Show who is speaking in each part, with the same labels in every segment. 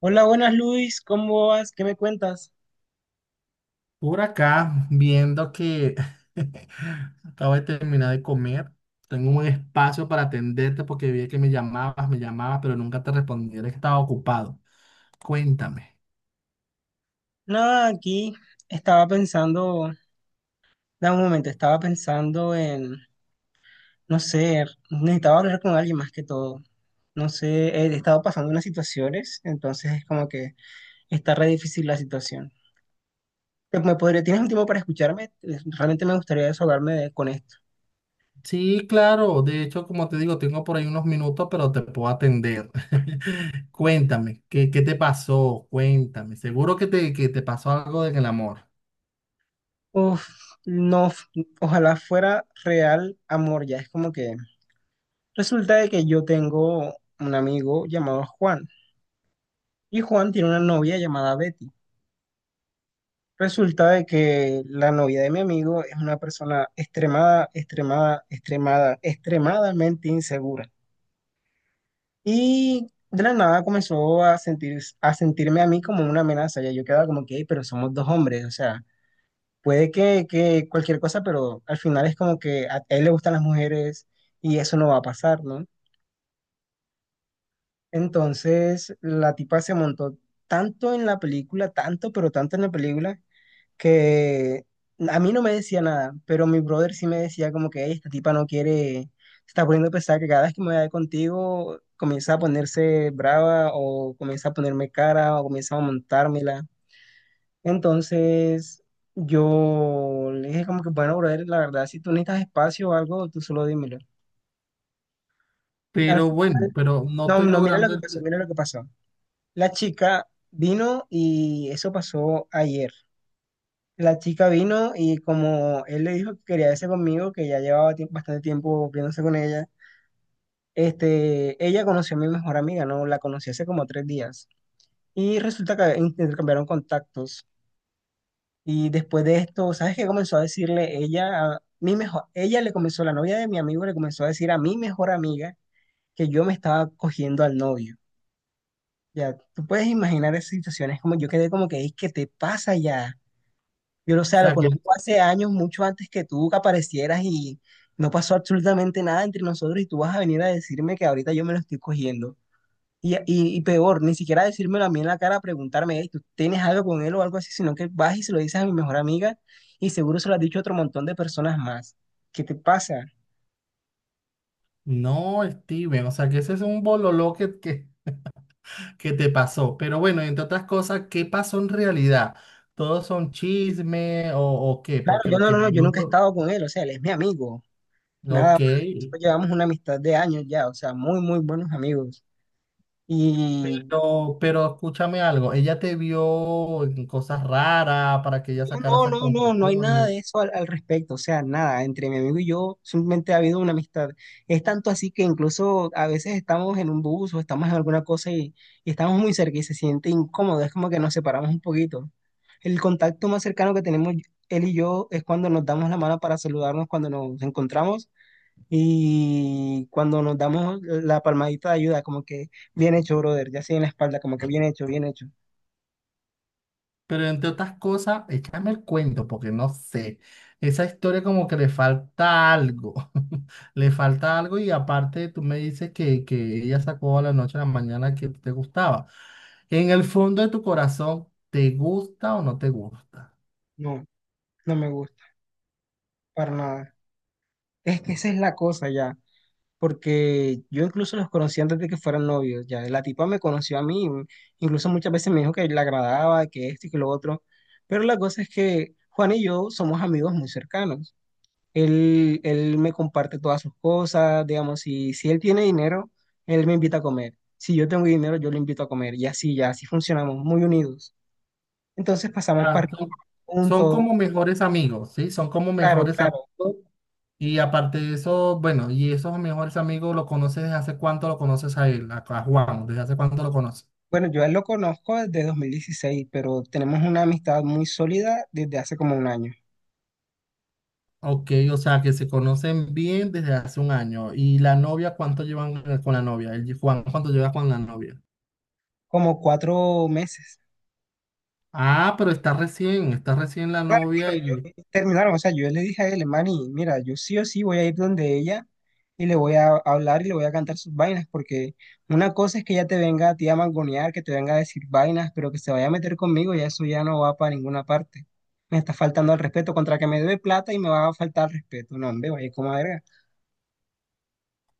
Speaker 1: Hola, buenas Luis, ¿cómo vas? ¿Qué me cuentas?
Speaker 2: Por acá, viendo que acabo de terminar de comer, tengo un espacio para atenderte porque vi que me llamabas, pero nunca te respondí, eres que estaba ocupado. Cuéntame.
Speaker 1: Nada, aquí estaba pensando, da un momento, estaba pensando en, no sé, necesitaba hablar con alguien más que todo. No sé, he estado pasando unas situaciones, entonces es como que está re difícil la situación. ¿Me podría, tienes un tiempo para escucharme? Realmente me gustaría con esto.
Speaker 2: Sí, claro, de hecho, como te digo, tengo por ahí unos minutos, pero te puedo atender. Cuéntame, ¿qué te pasó? Cuéntame, seguro que te pasó algo en el amor.
Speaker 1: Uf, no, ojalá fuera real amor, ya es como que resulta de que yo tengo un amigo llamado Juan. Y Juan tiene una novia llamada Betty. Resulta de que la novia de mi amigo es una persona extremadamente insegura. Y de la nada comenzó a sentir, a sentirme a mí como una amenaza. Ya yo quedaba como que: "Ey, pero somos dos hombres, o sea, puede que cualquier cosa, pero al final es como que a él le gustan las mujeres y eso no va a pasar, ¿no?". Entonces la tipa se montó tanto en la película, tanto, pero tanto en la película, que a mí no me decía nada, pero mi brother sí me decía como que: "Ey, esta tipa no quiere, se está poniendo pesada, que cada vez que me vaya contigo comienza a ponerse brava o comienza a ponerme cara o comienza a montármela". Entonces yo le dije como que: bueno, brother, la verdad, si tú necesitas espacio o algo, tú solo dímelo. Al
Speaker 2: Pero bueno,
Speaker 1: final,
Speaker 2: pero no
Speaker 1: no,
Speaker 2: estoy
Speaker 1: no, mira lo
Speaker 2: logrando...
Speaker 1: que pasó,
Speaker 2: O
Speaker 1: mira lo que pasó. La chica vino y eso pasó ayer. La chica vino y como él le dijo que quería verse conmigo, que ya llevaba bastante tiempo viéndose con ella, este, ella conoció a mi mejor amiga, ¿no? La conocí hace como 3 días. Y resulta que intercambiaron contactos. Y después de esto, ¿sabes qué comenzó a decirle ella? Mi mejor, ella le comenzó, la novia de mi amigo le comenzó a decir a mi mejor amiga que yo me estaba cogiendo al novio. Ya, tú puedes imaginar esas situaciones, como yo quedé como que: "Ey, ¿qué te pasa ya? Yo lo sé, lo
Speaker 2: sea,
Speaker 1: conozco
Speaker 2: que...
Speaker 1: hace años, mucho antes que tú que aparecieras y no pasó absolutamente nada entre nosotros y tú vas a venir a decirme que ahorita yo me lo estoy cogiendo. Y peor, ni siquiera decírmelo a mí en la cara, preguntarme: 'Ey, ¿tú tienes algo con él o algo así?'. Sino que vas y se lo dices a mi mejor amiga y seguro se lo has dicho a otro montón de personas más. ¿Qué te pasa?".
Speaker 2: No, Steven, o sea, que ese es un bololó que... ¿Qué te pasó? Pero bueno, entre otras cosas, ¿qué pasó en realidad? ¿Todos son chisme o qué?
Speaker 1: Claro,
Speaker 2: Porque
Speaker 1: yo
Speaker 2: lo
Speaker 1: no,
Speaker 2: que...
Speaker 1: no, no, yo
Speaker 2: no
Speaker 1: nunca he
Speaker 2: pro-
Speaker 1: estado con él, o sea, él es mi amigo, nada
Speaker 2: Ok,
Speaker 1: más. Nosotros llevamos una amistad de años ya, o sea, muy, muy buenos amigos. Y
Speaker 2: pero escúchame algo. ¿Ella te vio en cosas raras para que ella sacara
Speaker 1: no,
Speaker 2: esas
Speaker 1: no, no, no hay nada
Speaker 2: conclusiones?
Speaker 1: de eso al respecto, o sea, nada, entre mi amigo y yo simplemente ha habido una amistad. Es tanto así que incluso a veces estamos en un bus o estamos en alguna cosa y estamos muy cerca y se siente incómodo, es como que nos separamos un poquito. El contacto más cercano que tenemos él y yo es cuando nos damos la mano para saludarnos cuando nos encontramos y cuando nos damos la palmadita de ayuda, como que bien hecho, brother, ya así en la espalda, como que bien hecho, bien hecho.
Speaker 2: Pero entre otras cosas, échame el cuento, porque no sé. Esa historia como que le falta algo. Le falta algo y aparte tú me dices que ella sacó a la noche a la mañana que te gustaba. En el fondo de tu corazón, ¿te gusta o no te gusta?
Speaker 1: No, no me gusta, para nada. Es que esa es la cosa ya, porque yo incluso los conocí antes de que fueran novios, ya la tipa me conoció a mí, incluso muchas veces me dijo que le agradaba, que esto y que lo otro, pero la cosa es que Juan y yo somos amigos muy cercanos, él me comparte todas sus cosas, digamos, si él tiene dinero, él me invita a comer, si yo tengo dinero, yo le invito a comer, y así, ya así funcionamos, muy unidos, entonces pasamos para
Speaker 2: Ah, son, Son
Speaker 1: juntos,
Speaker 2: como mejores amigos, ¿sí? Son como
Speaker 1: claro,
Speaker 2: mejores amigos.
Speaker 1: claro.
Speaker 2: Y aparte de eso, bueno, y esos mejores amigos, ¿lo conoces desde hace cuánto lo conoces a él, a Juan? ¿Desde hace cuánto lo conoces?
Speaker 1: Bueno, yo a él lo conozco desde 2016, pero tenemos una amistad muy sólida desde hace como un año.
Speaker 2: Ok, o sea que se conocen bien desde hace un año. ¿Y la novia cuánto llevan con la novia? El Juan, ¿cuánto lleva con la novia?
Speaker 1: Como 4 meses.
Speaker 2: Ah, pero está recién la
Speaker 1: Claro,
Speaker 2: novia
Speaker 1: claro,
Speaker 2: y
Speaker 1: terminaron, o sea, yo le dije a él: Manny, mira, yo sí o sí voy a ir donde ella y le voy a hablar y le voy a cantar sus vainas, porque una cosa es que ella te venga a ti a mangonear, que te venga a decir vainas, pero que se vaya a meter conmigo, ya eso ya no va para ninguna parte. Me está faltando el respeto, contra que me debe plata y me va a faltar el respeto. No, hombre, vaya como verga.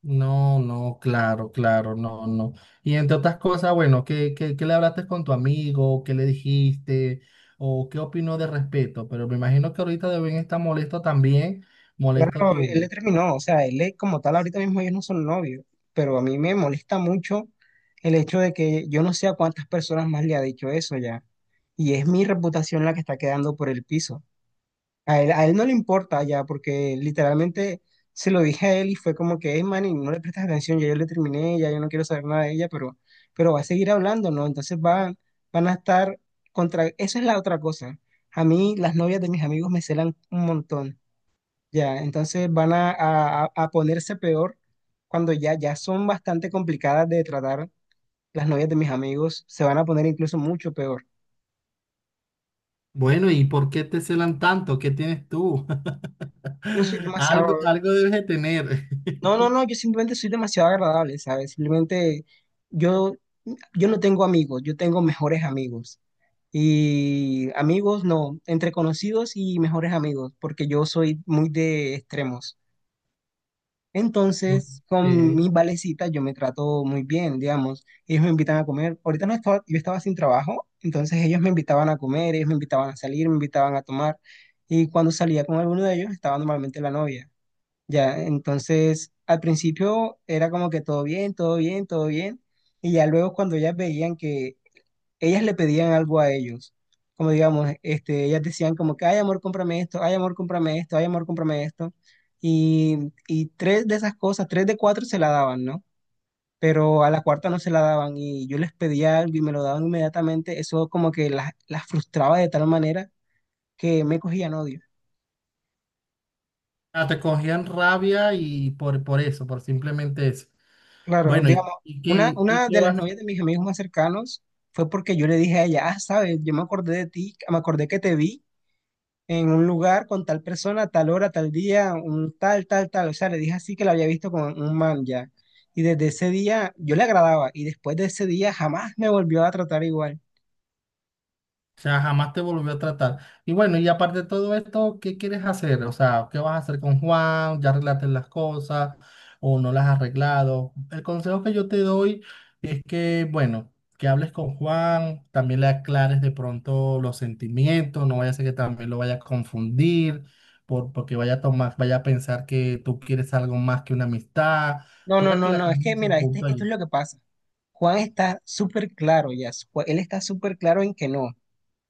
Speaker 2: no, no, claro, claro, no, no. Y entre otras cosas, bueno, ¿qué le hablaste con tu amigo? ¿Qué le dijiste? ¿O qué opinó de respeto? Pero me imagino que ahorita deben estar molesto también, molesto
Speaker 1: Claro, él le
Speaker 2: tú.
Speaker 1: terminó, o sea, él le como tal ahorita mismo ellos no son novios, pero a mí me molesta mucho el hecho de que yo no sé a cuántas personas más le ha dicho eso ya, y es mi reputación la que está quedando por el piso. A él no le importa ya, porque literalmente se lo dije a él y fue como que: es man, y no le prestas atención, ya yo le terminé, ya yo no quiero saber nada de ella, pero va a seguir hablando, ¿no? Entonces van, van a estar contra, esa es la otra cosa. A mí las novias de mis amigos me celan un montón. Ya, entonces van a ponerse peor cuando ya, ya son bastante complicadas de tratar las novias de mis amigos, se van a poner incluso mucho peor.
Speaker 2: Bueno, ¿y por qué te celan tanto? ¿Qué tienes tú?
Speaker 1: Yo soy demasiado,
Speaker 2: Algo, algo debes de tener.
Speaker 1: no, no, no, yo simplemente soy demasiado agradable, ¿sabes? Simplemente yo, yo no tengo amigos, yo tengo mejores amigos. Y amigos no, entre conocidos y mejores amigos, porque yo soy muy de extremos. Entonces,
Speaker 2: Ok.
Speaker 1: con mis valecitas yo me trato muy bien, digamos. Ellos me invitan a comer. Ahorita no estaba, yo estaba sin trabajo, entonces ellos me invitaban a comer, ellos me invitaban a salir, me invitaban a tomar. Y cuando salía con alguno de ellos estaba normalmente la novia. Ya, entonces al principio era como que todo bien, todo bien, todo bien. Y ya luego cuando ellas veían que ellas le pedían algo a ellos. Como digamos, este, ellas decían como que: ay amor, cómprame esto; ay amor, cómprame esto; ay amor, cómprame esto. Y tres de esas cosas, tres de cuatro se la daban, ¿no? Pero a la cuarta no se la daban y yo les pedía algo y me lo daban inmediatamente. Eso como que las frustraba de tal manera que me cogían odio.
Speaker 2: Ah, te cogían rabia y por eso, por simplemente eso.
Speaker 1: Claro,
Speaker 2: Bueno, ¿y,
Speaker 1: digamos,
Speaker 2: y
Speaker 1: una,
Speaker 2: qué, y
Speaker 1: una
Speaker 2: qué
Speaker 1: de las
Speaker 2: vas...
Speaker 1: novias de mis amigos más cercanos fue porque yo le dije a ella: ah, sabes, yo me acordé de ti, me acordé que te vi en un lugar con tal persona, tal hora, tal día, un tal, tal, tal. O sea, le dije así que la había visto con un man ya. Y desde ese día yo le agradaba y después de ese día jamás me volvió a tratar igual.
Speaker 2: O sea, jamás te volvió a tratar. Y bueno, y aparte de todo esto, ¿qué quieres hacer? O sea, ¿qué vas a hacer con Juan? ¿Ya arreglaste las cosas o no las has arreglado? El consejo que yo te doy es que, bueno, que hables con Juan, también le aclares de pronto los sentimientos, no vaya a ser que también lo vaya a confundir, porque vaya a tomar, vaya a pensar que tú quieres algo más que una amistad.
Speaker 1: No, no,
Speaker 2: Toca que
Speaker 1: no,
Speaker 2: le
Speaker 1: no, es
Speaker 2: aclares
Speaker 1: que
Speaker 2: ese
Speaker 1: mira, este,
Speaker 2: punto
Speaker 1: esto es
Speaker 2: allí.
Speaker 1: lo que pasa. Juan está súper claro ya, él está súper claro en que no,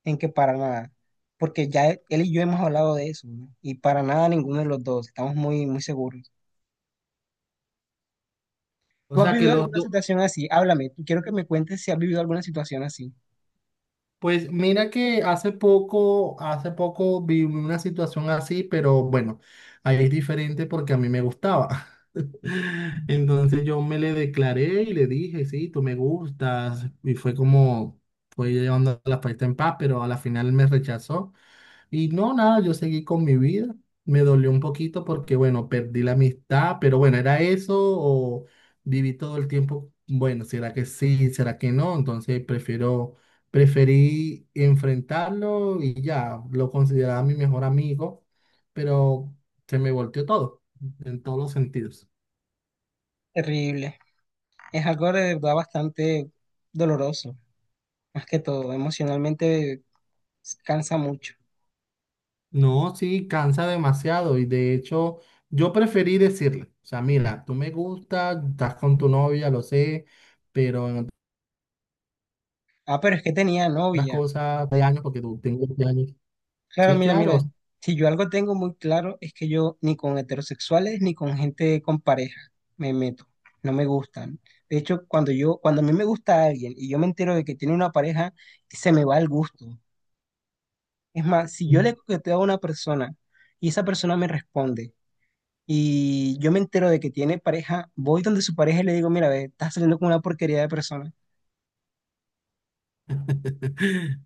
Speaker 1: en que para nada, porque ya él y yo hemos hablado de eso, ¿no? Y para nada ninguno de los dos, estamos muy, muy seguros.
Speaker 2: O
Speaker 1: ¿Tú has
Speaker 2: sea, que
Speaker 1: vivido
Speaker 2: los
Speaker 1: alguna
Speaker 2: dos...
Speaker 1: situación así? Háblame, tú quiero que me cuentes si has vivido alguna situación así.
Speaker 2: Pues mira que hace poco vi una situación así, pero bueno, ahí es diferente porque a mí me gustaba. Entonces yo me le declaré y le dije, sí, tú me gustas. Y fue como, fue llevando la fiesta en paz, pero a la final me rechazó. Y no, nada, yo seguí con mi vida. Me dolió un poquito porque, bueno, perdí la amistad, pero bueno, ¿era eso o viví todo el tiempo? Bueno, ¿será que sí? ¿Será que no? Preferí enfrentarlo y ya, lo consideraba mi mejor amigo, pero se me volteó todo, en todos los sentidos.
Speaker 1: Terrible. Es algo de verdad bastante doloroso, más que todo, emocionalmente cansa mucho.
Speaker 2: No, sí, cansa demasiado y de hecho yo preferí decirle, o sea, mira, tú me gustas, estás con tu novia, lo sé, pero en
Speaker 1: Ah, pero es que tenía
Speaker 2: las
Speaker 1: novia.
Speaker 2: cosas de años porque tú tengo 20 años.
Speaker 1: Claro,
Speaker 2: Sí,
Speaker 1: mira,
Speaker 2: claro.
Speaker 1: mira, si yo algo tengo muy claro es que yo ni con heterosexuales ni con gente con pareja me meto, no me gustan. De hecho, cuando yo, cuando a mí me gusta alguien y yo me entero de que tiene una pareja, se me va el gusto. Es más, si yo le coqueteo a una persona y esa persona me responde, y yo me entero de que tiene pareja, voy donde su pareja y le digo: mira, ve, estás saliendo con una porquería de persona.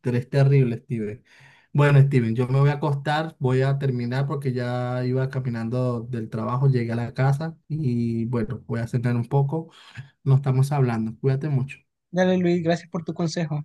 Speaker 2: Tú eres terrible, Steven. Bueno, Steven, yo me voy a acostar, voy a terminar porque ya iba caminando del trabajo, llegué a la casa y bueno, voy a cenar un poco. Nos estamos hablando. Cuídate mucho.
Speaker 1: Dale, Luis, gracias por tu consejo.